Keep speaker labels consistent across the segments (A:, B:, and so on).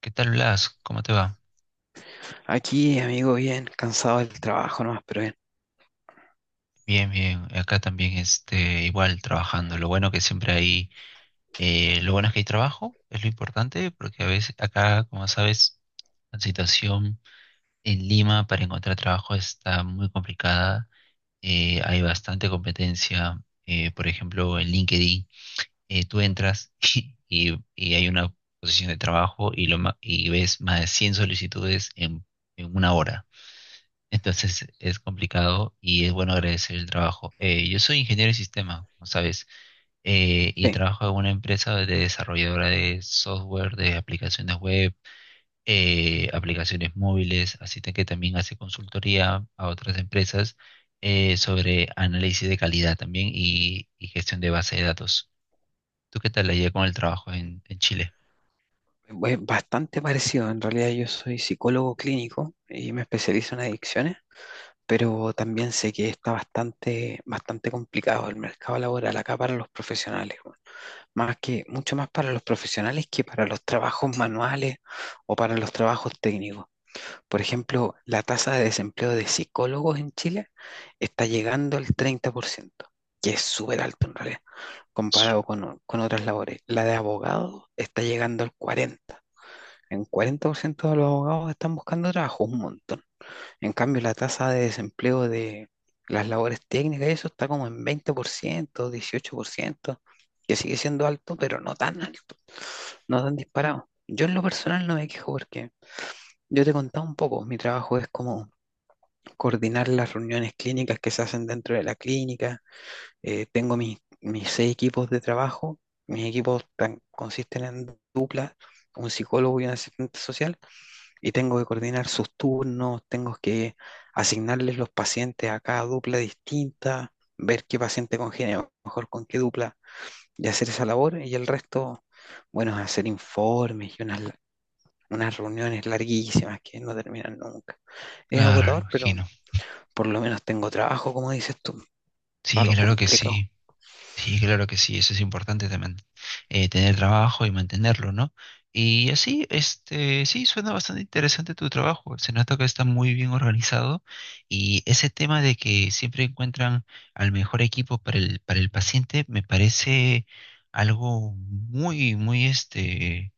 A: ¿Qué tal, Blas? ¿Cómo te va?
B: Aquí, amigo, bien, cansado del trabajo nomás, pero bien.
A: Bien, bien. Acá también, igual trabajando. Lo bueno que siempre hay, lo bueno es que hay trabajo, es lo importante, porque a veces acá, como sabes, la situación en Lima para encontrar trabajo está muy complicada. Hay bastante competencia. Por ejemplo, en LinkedIn, tú entras y hay una posición de trabajo y ves más de 100 solicitudes en una hora. Entonces es complicado y es bueno agradecer el trabajo. Yo soy ingeniero de sistema, como sabes, y
B: Sí,
A: trabajo en una empresa de desarrolladora de software, de aplicaciones web, aplicaciones móviles, así que también hace consultoría a otras empresas sobre análisis de calidad también y gestión de base de datos. ¿Tú qué tal la llevas con el trabajo en Chile?
B: es bastante parecido. En realidad yo soy psicólogo clínico y me especializo en adicciones, pero también sé que está bastante, bastante complicado el mercado laboral acá para los profesionales. Mucho más para los profesionales que para los trabajos manuales o para los trabajos técnicos. Por ejemplo, la tasa de desempleo de psicólogos en Chile está llegando al 30%, que es súper alto en realidad, comparado con otras labores. La de abogados está llegando al 40%. En 40% de los abogados están buscando trabajo, un montón. En cambio, la tasa de desempleo de las labores técnicas y eso está como en 20%, 18%, que sigue siendo alto, pero no tan alto, no tan disparado. Yo en lo personal no me quejo porque yo te contaba un poco, mi trabajo es como coordinar las reuniones clínicas que se hacen dentro de la clínica. Tengo mis seis equipos de trabajo, mis consisten en dupla, un psicólogo y un asistente social, y tengo que coordinar sus turnos, tengo que asignarles los pacientes a cada dupla distinta, ver qué paciente congenia mejor con qué dupla y hacer esa labor. Y el resto, bueno, es hacer informes y unas reuniones larguísimas que no terminan nunca. Es
A: Claro, lo
B: agotador, pero
A: imagino.
B: por lo menos tengo trabajo, como dices tú, para
A: Sí,
B: lo
A: claro que
B: complicado.
A: sí. Sí, claro que sí, eso es importante también, tener trabajo y mantenerlo, ¿no? Y así, este, sí, suena bastante interesante tu trabajo, se nota que está muy bien organizado y ese tema de que siempre encuentran al mejor equipo para para el paciente me parece algo muy, muy, este,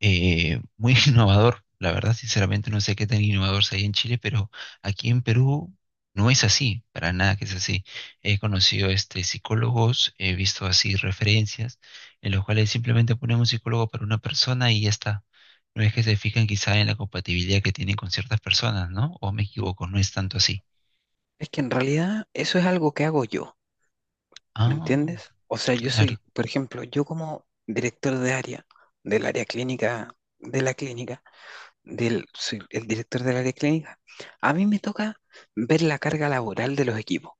A: eh, muy innovador. La verdad, sinceramente, no sé qué tan innovador sea ahí en Chile, pero aquí en Perú no es así, para nada que es así. He conocido este, psicólogos, he visto así referencias en los cuales simplemente ponen un psicólogo para una persona y ya está. No es que se fijan quizá en la compatibilidad que tienen con ciertas personas, ¿no? O me equivoco, no es tanto así.
B: Es que en realidad eso es algo que hago yo, ¿me
A: Ah,
B: entiendes? O sea, yo
A: claro.
B: soy, por ejemplo, yo como director de área, del área clínica, de la clínica, del, soy el director del área clínica, a mí me toca ver la carga laboral de los equipos.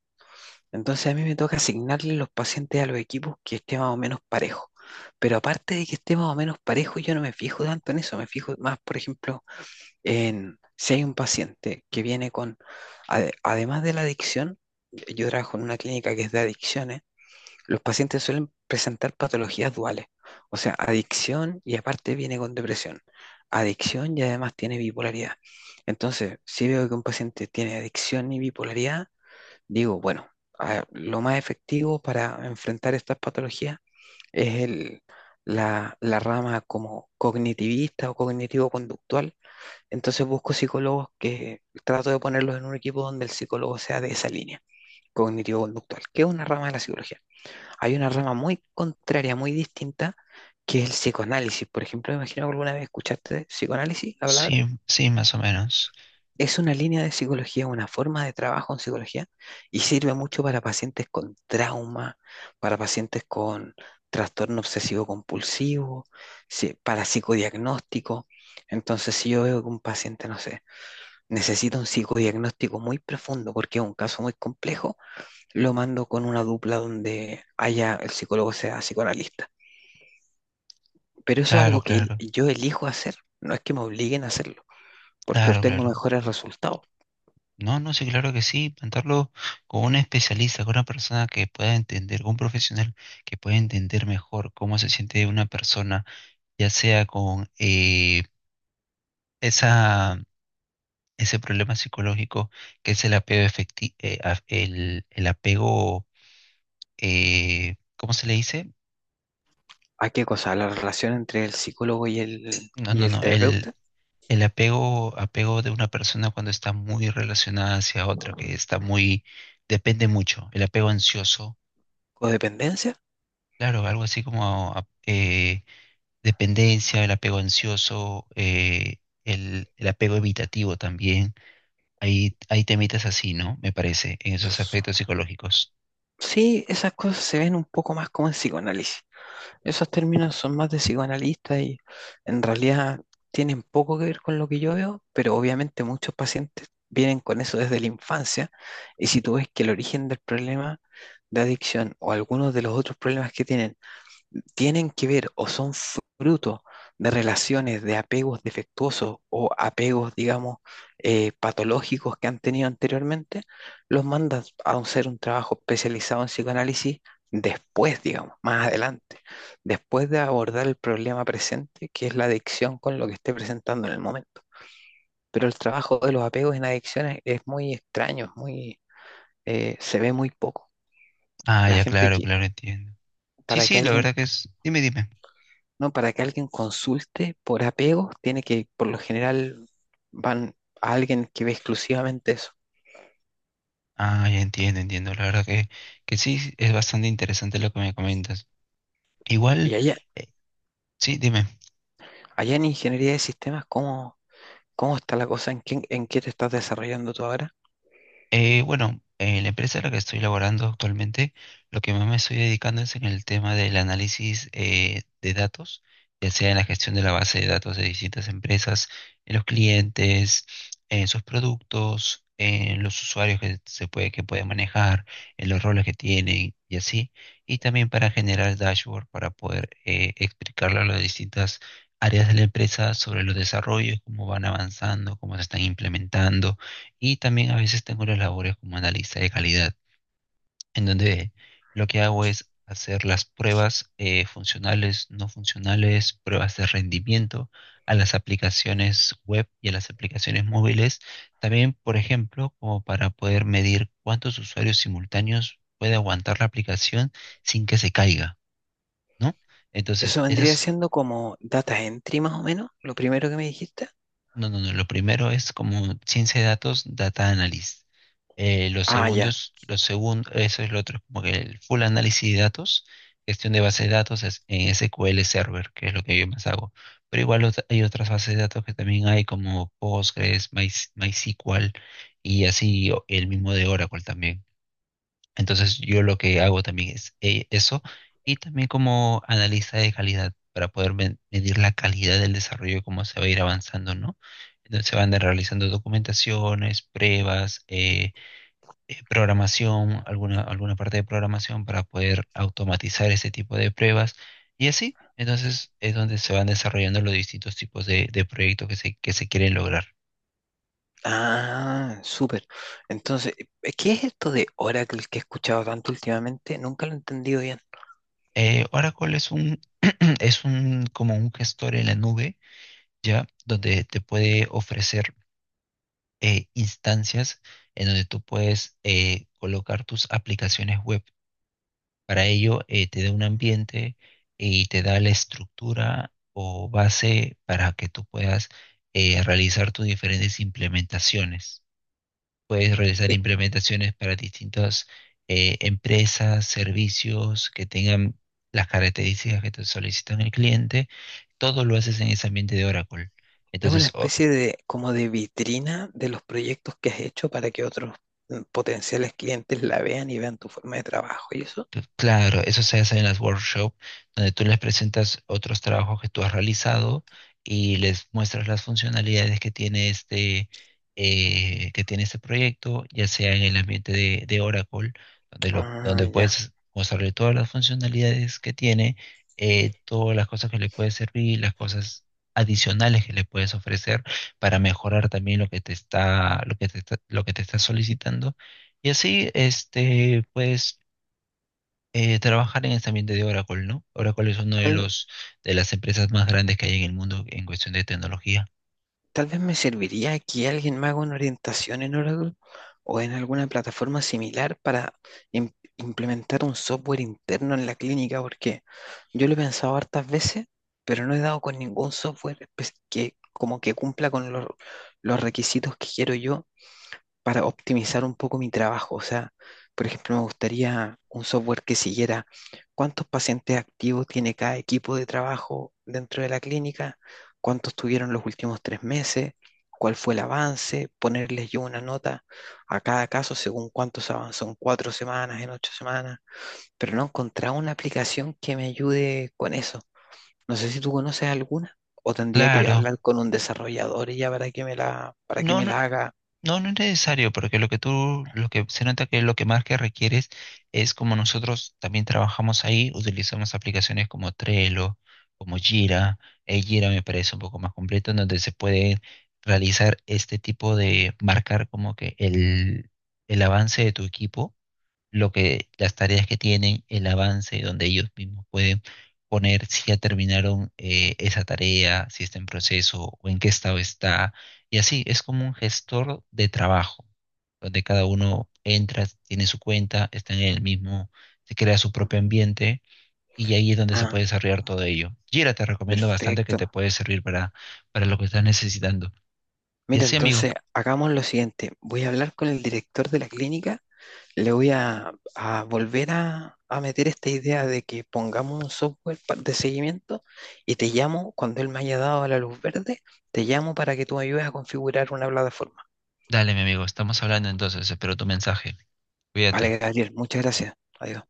B: Entonces a mí me toca asignarle los pacientes a los equipos que esté más o menos parejo. Pero aparte de que esté más o menos parejo, yo no me fijo tanto en eso, me fijo más, por ejemplo, en si hay un paciente que viene con, además de la adicción. Yo trabajo en una clínica que es de adicciones, los pacientes suelen presentar patologías duales, o sea, adicción y aparte viene con depresión. Adicción y además tiene bipolaridad. Entonces, si veo que un paciente tiene adicción y bipolaridad, digo, bueno, lo más efectivo para enfrentar estas patologías es la rama como cognitivista o cognitivo-conductual. Entonces busco psicólogos, que trato de ponerlos en un equipo donde el psicólogo sea de esa línea, cognitivo-conductual, que es una rama de la psicología. Hay una rama muy contraria, muy distinta, que es el psicoanálisis. Por ejemplo, me imagino que alguna vez escuchaste de psicoanálisis, la
A: Sí,
B: palabra.
A: sí, más o menos.
B: Es una línea de psicología, una forma de trabajo en psicología, y sirve mucho para pacientes con trauma, para pacientes con trastorno obsesivo compulsivo, para psicodiagnóstico. Entonces, si yo veo que un paciente, no sé, necesita un psicodiagnóstico muy profundo porque es un caso muy complejo, lo mando con una dupla donde haya el psicólogo sea psicoanalista. Pero eso es
A: Claro,
B: algo que
A: claro,
B: yo elijo hacer, no es que me obliguen a hacerlo, porque
A: claro,
B: obtengo
A: claro.
B: mejores resultados.
A: No, no, sí, claro que sí, plantarlo con un especialista, con una persona que pueda entender, con un profesional que pueda entender mejor cómo se siente una persona, ya sea con esa, ese problema psicológico que es el apego efectivo, el apego, ¿cómo se le dice?
B: ¿A qué cosa? ¿La relación entre el psicólogo y
A: No,
B: y
A: no,
B: el
A: no,
B: terapeuta?
A: el apego, apego de una persona cuando está muy relacionada hacia otra, que está muy, depende mucho, el apego ansioso,
B: ¿Codependencia?
A: claro, algo así como, ah, dependencia, el apego ansioso, el apego evitativo también. Ahí, ahí temitas así, ¿no? Me parece, en esos aspectos psicológicos.
B: Sí, esas cosas se ven un poco más como en psicoanálisis. Esos términos son más de psicoanalista y en realidad tienen poco que ver con lo que yo veo, pero obviamente muchos pacientes vienen con eso desde la infancia, y si tú ves que el origen del problema de adicción o algunos de los otros problemas que tienen tienen que ver o son fruto de relaciones de apegos defectuosos o apegos, digamos, patológicos que han tenido anteriormente, los mandas a hacer un trabajo especializado en psicoanálisis después, digamos, más adelante, después de abordar el problema presente, que es la adicción con lo que esté presentando en el momento. Pero el trabajo de los apegos en adicciones es muy extraño, es muy, se ve muy poco.
A: Ah,
B: La
A: ya,
B: gente
A: claro,
B: que,
A: claro, entiendo. Sí,
B: para que
A: sí, la
B: alguien
A: verdad que es. Dime, dime.
B: No, para que alguien consulte por apego, tiene que, por lo general, van a alguien que ve exclusivamente eso.
A: Ah, ya entiendo, entiendo. La verdad que sí, es bastante interesante lo que me comentas. Igual,
B: Y allá,
A: eh, sí, dime.
B: allá en ingeniería de sistemas, ¿cómo está la cosa? ¿En qué te estás desarrollando tú ahora?
A: Bueno, en la empresa en la que estoy laborando actualmente, lo que más me estoy dedicando es en el tema del análisis de datos, ya sea en la gestión de la base de datos de distintas empresas, en los clientes, en sus productos, en los usuarios que que puede manejar, en los roles que tienen y así, y también para generar dashboard para poder explicarle a las distintas áreas de la empresa sobre los desarrollos, cómo van avanzando, cómo se están implementando y también a veces tengo las labores como analista de calidad, en donde lo que hago es hacer las pruebas funcionales, no funcionales, pruebas de rendimiento a las aplicaciones web y a las aplicaciones móviles. También, por ejemplo, como para poder medir cuántos usuarios simultáneos puede aguantar la aplicación sin que se caiga, ¿no?
B: Eso
A: Entonces,
B: vendría
A: esas.
B: siendo como data entry más o menos, lo primero que me dijiste.
A: No, no, no. Lo primero es como ciencia de datos, data analysis. Lo
B: Ah,
A: segundo
B: ya.
A: es, lo segundo, eso es lo otro, como que el full análisis de datos, gestión de bases de datos es- en SQL Server, que es lo que yo más hago. Pero igual ot- hay otras bases de datos que también hay como Postgres, My- MySQL y así o- el mismo de Oracle también. Entonces yo lo que hago también es eso y también como analista de calidad para poder men- medir la calidad del desarrollo, cómo se va a ir avanzando, ¿no? Entonces se van de- realizando documentaciones, pruebas, programación, alguna, alguna parte de programación para poder automatizar ese tipo de pruebas y así. Entonces es donde se van desarrollando los distintos tipos de proyectos que que se quieren lograr.
B: Ah, súper. Entonces, ¿qué es esto de Oracle que he escuchado tanto últimamente? Nunca lo he entendido bien.
A: Oracle es un, es un, como un gestor en la nube, ¿ya? Donde te puede ofrecer instancias en donde tú puedes colocar tus aplicaciones web. Para ello, te da un ambiente y te da la estructura o base para que tú puedas realizar tus diferentes implementaciones. Puedes realizar
B: Es
A: implementaciones para distintas empresas, servicios que tengan las características que te solicitan el cliente. Todo lo haces en ese ambiente de Oracle.
B: Es una
A: Entonces, o-.
B: especie de como de vitrina de los proyectos que has hecho para que otros mm, potenciales clientes la vean y vean tu forma de trabajo y eso.
A: Claro, eso se hace en las workshops, donde tú les presentas otros trabajos que tú has realizado y les muestras las funcionalidades que tiene este proyecto, ya sea en el ambiente de Oracle, donde, lo,
B: Ah,
A: donde
B: ya.
A: puedes mostrarle todas las funcionalidades que tiene, todas las cosas que le puede servir, las cosas adicionales que le puedes ofrecer para mejorar también lo que te está, lo que te está- lo que te está solicitando. Y así, este, puedes trabajar en ese ambiente de Oracle, ¿no? Oracle es una de
B: Tal,
A: los de las empresas más grandes que hay en el mundo en cuestión de tecnología.
B: tal vez me serviría que alguien me haga una orientación en Oracle o en alguna plataforma similar para implementar un software interno en la clínica, porque yo lo he pensado hartas veces, pero no he dado con ningún software que como que cumpla con los requisitos que quiero yo para optimizar un poco mi trabajo. O sea, por ejemplo, me gustaría un software que siguiera cuántos pacientes activos tiene cada equipo de trabajo dentro de la clínica, cuántos tuvieron los últimos 3 meses, cuál fue el avance, ponerles yo una nota a cada caso según cuántos avanzó en 4 semanas, en 8 semanas, pero no he encontrado una aplicación que me ayude con eso. No sé si tú conoces alguna. O tendría que
A: Claro,
B: hablar con un desarrollador ya para que
A: no,
B: me
A: no,
B: la haga.
A: no, no es necesario, porque lo que tú, lo que se nota que lo que más que requieres es como nosotros también trabajamos ahí, utilizamos aplicaciones como Trello, como Jira, Jira me parece un poco más completo, en donde se puede realizar este tipo de marcar como que el avance de tu equipo lo que las tareas que tienen, el avance, donde ellos mismos pueden poner si ya terminaron esa tarea, si está en proceso o en qué estado está. Y así es como un gestor de trabajo, donde cada uno entra, tiene su cuenta, está en el mismo, se crea su propio ambiente y ahí es donde se puede
B: Ah,
A: desarrollar todo ello. Jira, te recomiendo bastante que te
B: perfecto.
A: puede servir para lo que estás necesitando. Y
B: Mira,
A: así, amigo,
B: entonces hagamos lo siguiente. Voy a hablar con el director de la clínica. Le voy a volver a meter esta idea de que pongamos un software de seguimiento, y te llamo cuando él me haya dado la luz verde. Te llamo para que tú me ayudes a configurar una plataforma.
A: dale, mi amigo, estamos hablando entonces, espero tu mensaje. Cuídate.
B: Vale, Gabriel, muchas gracias. Adiós.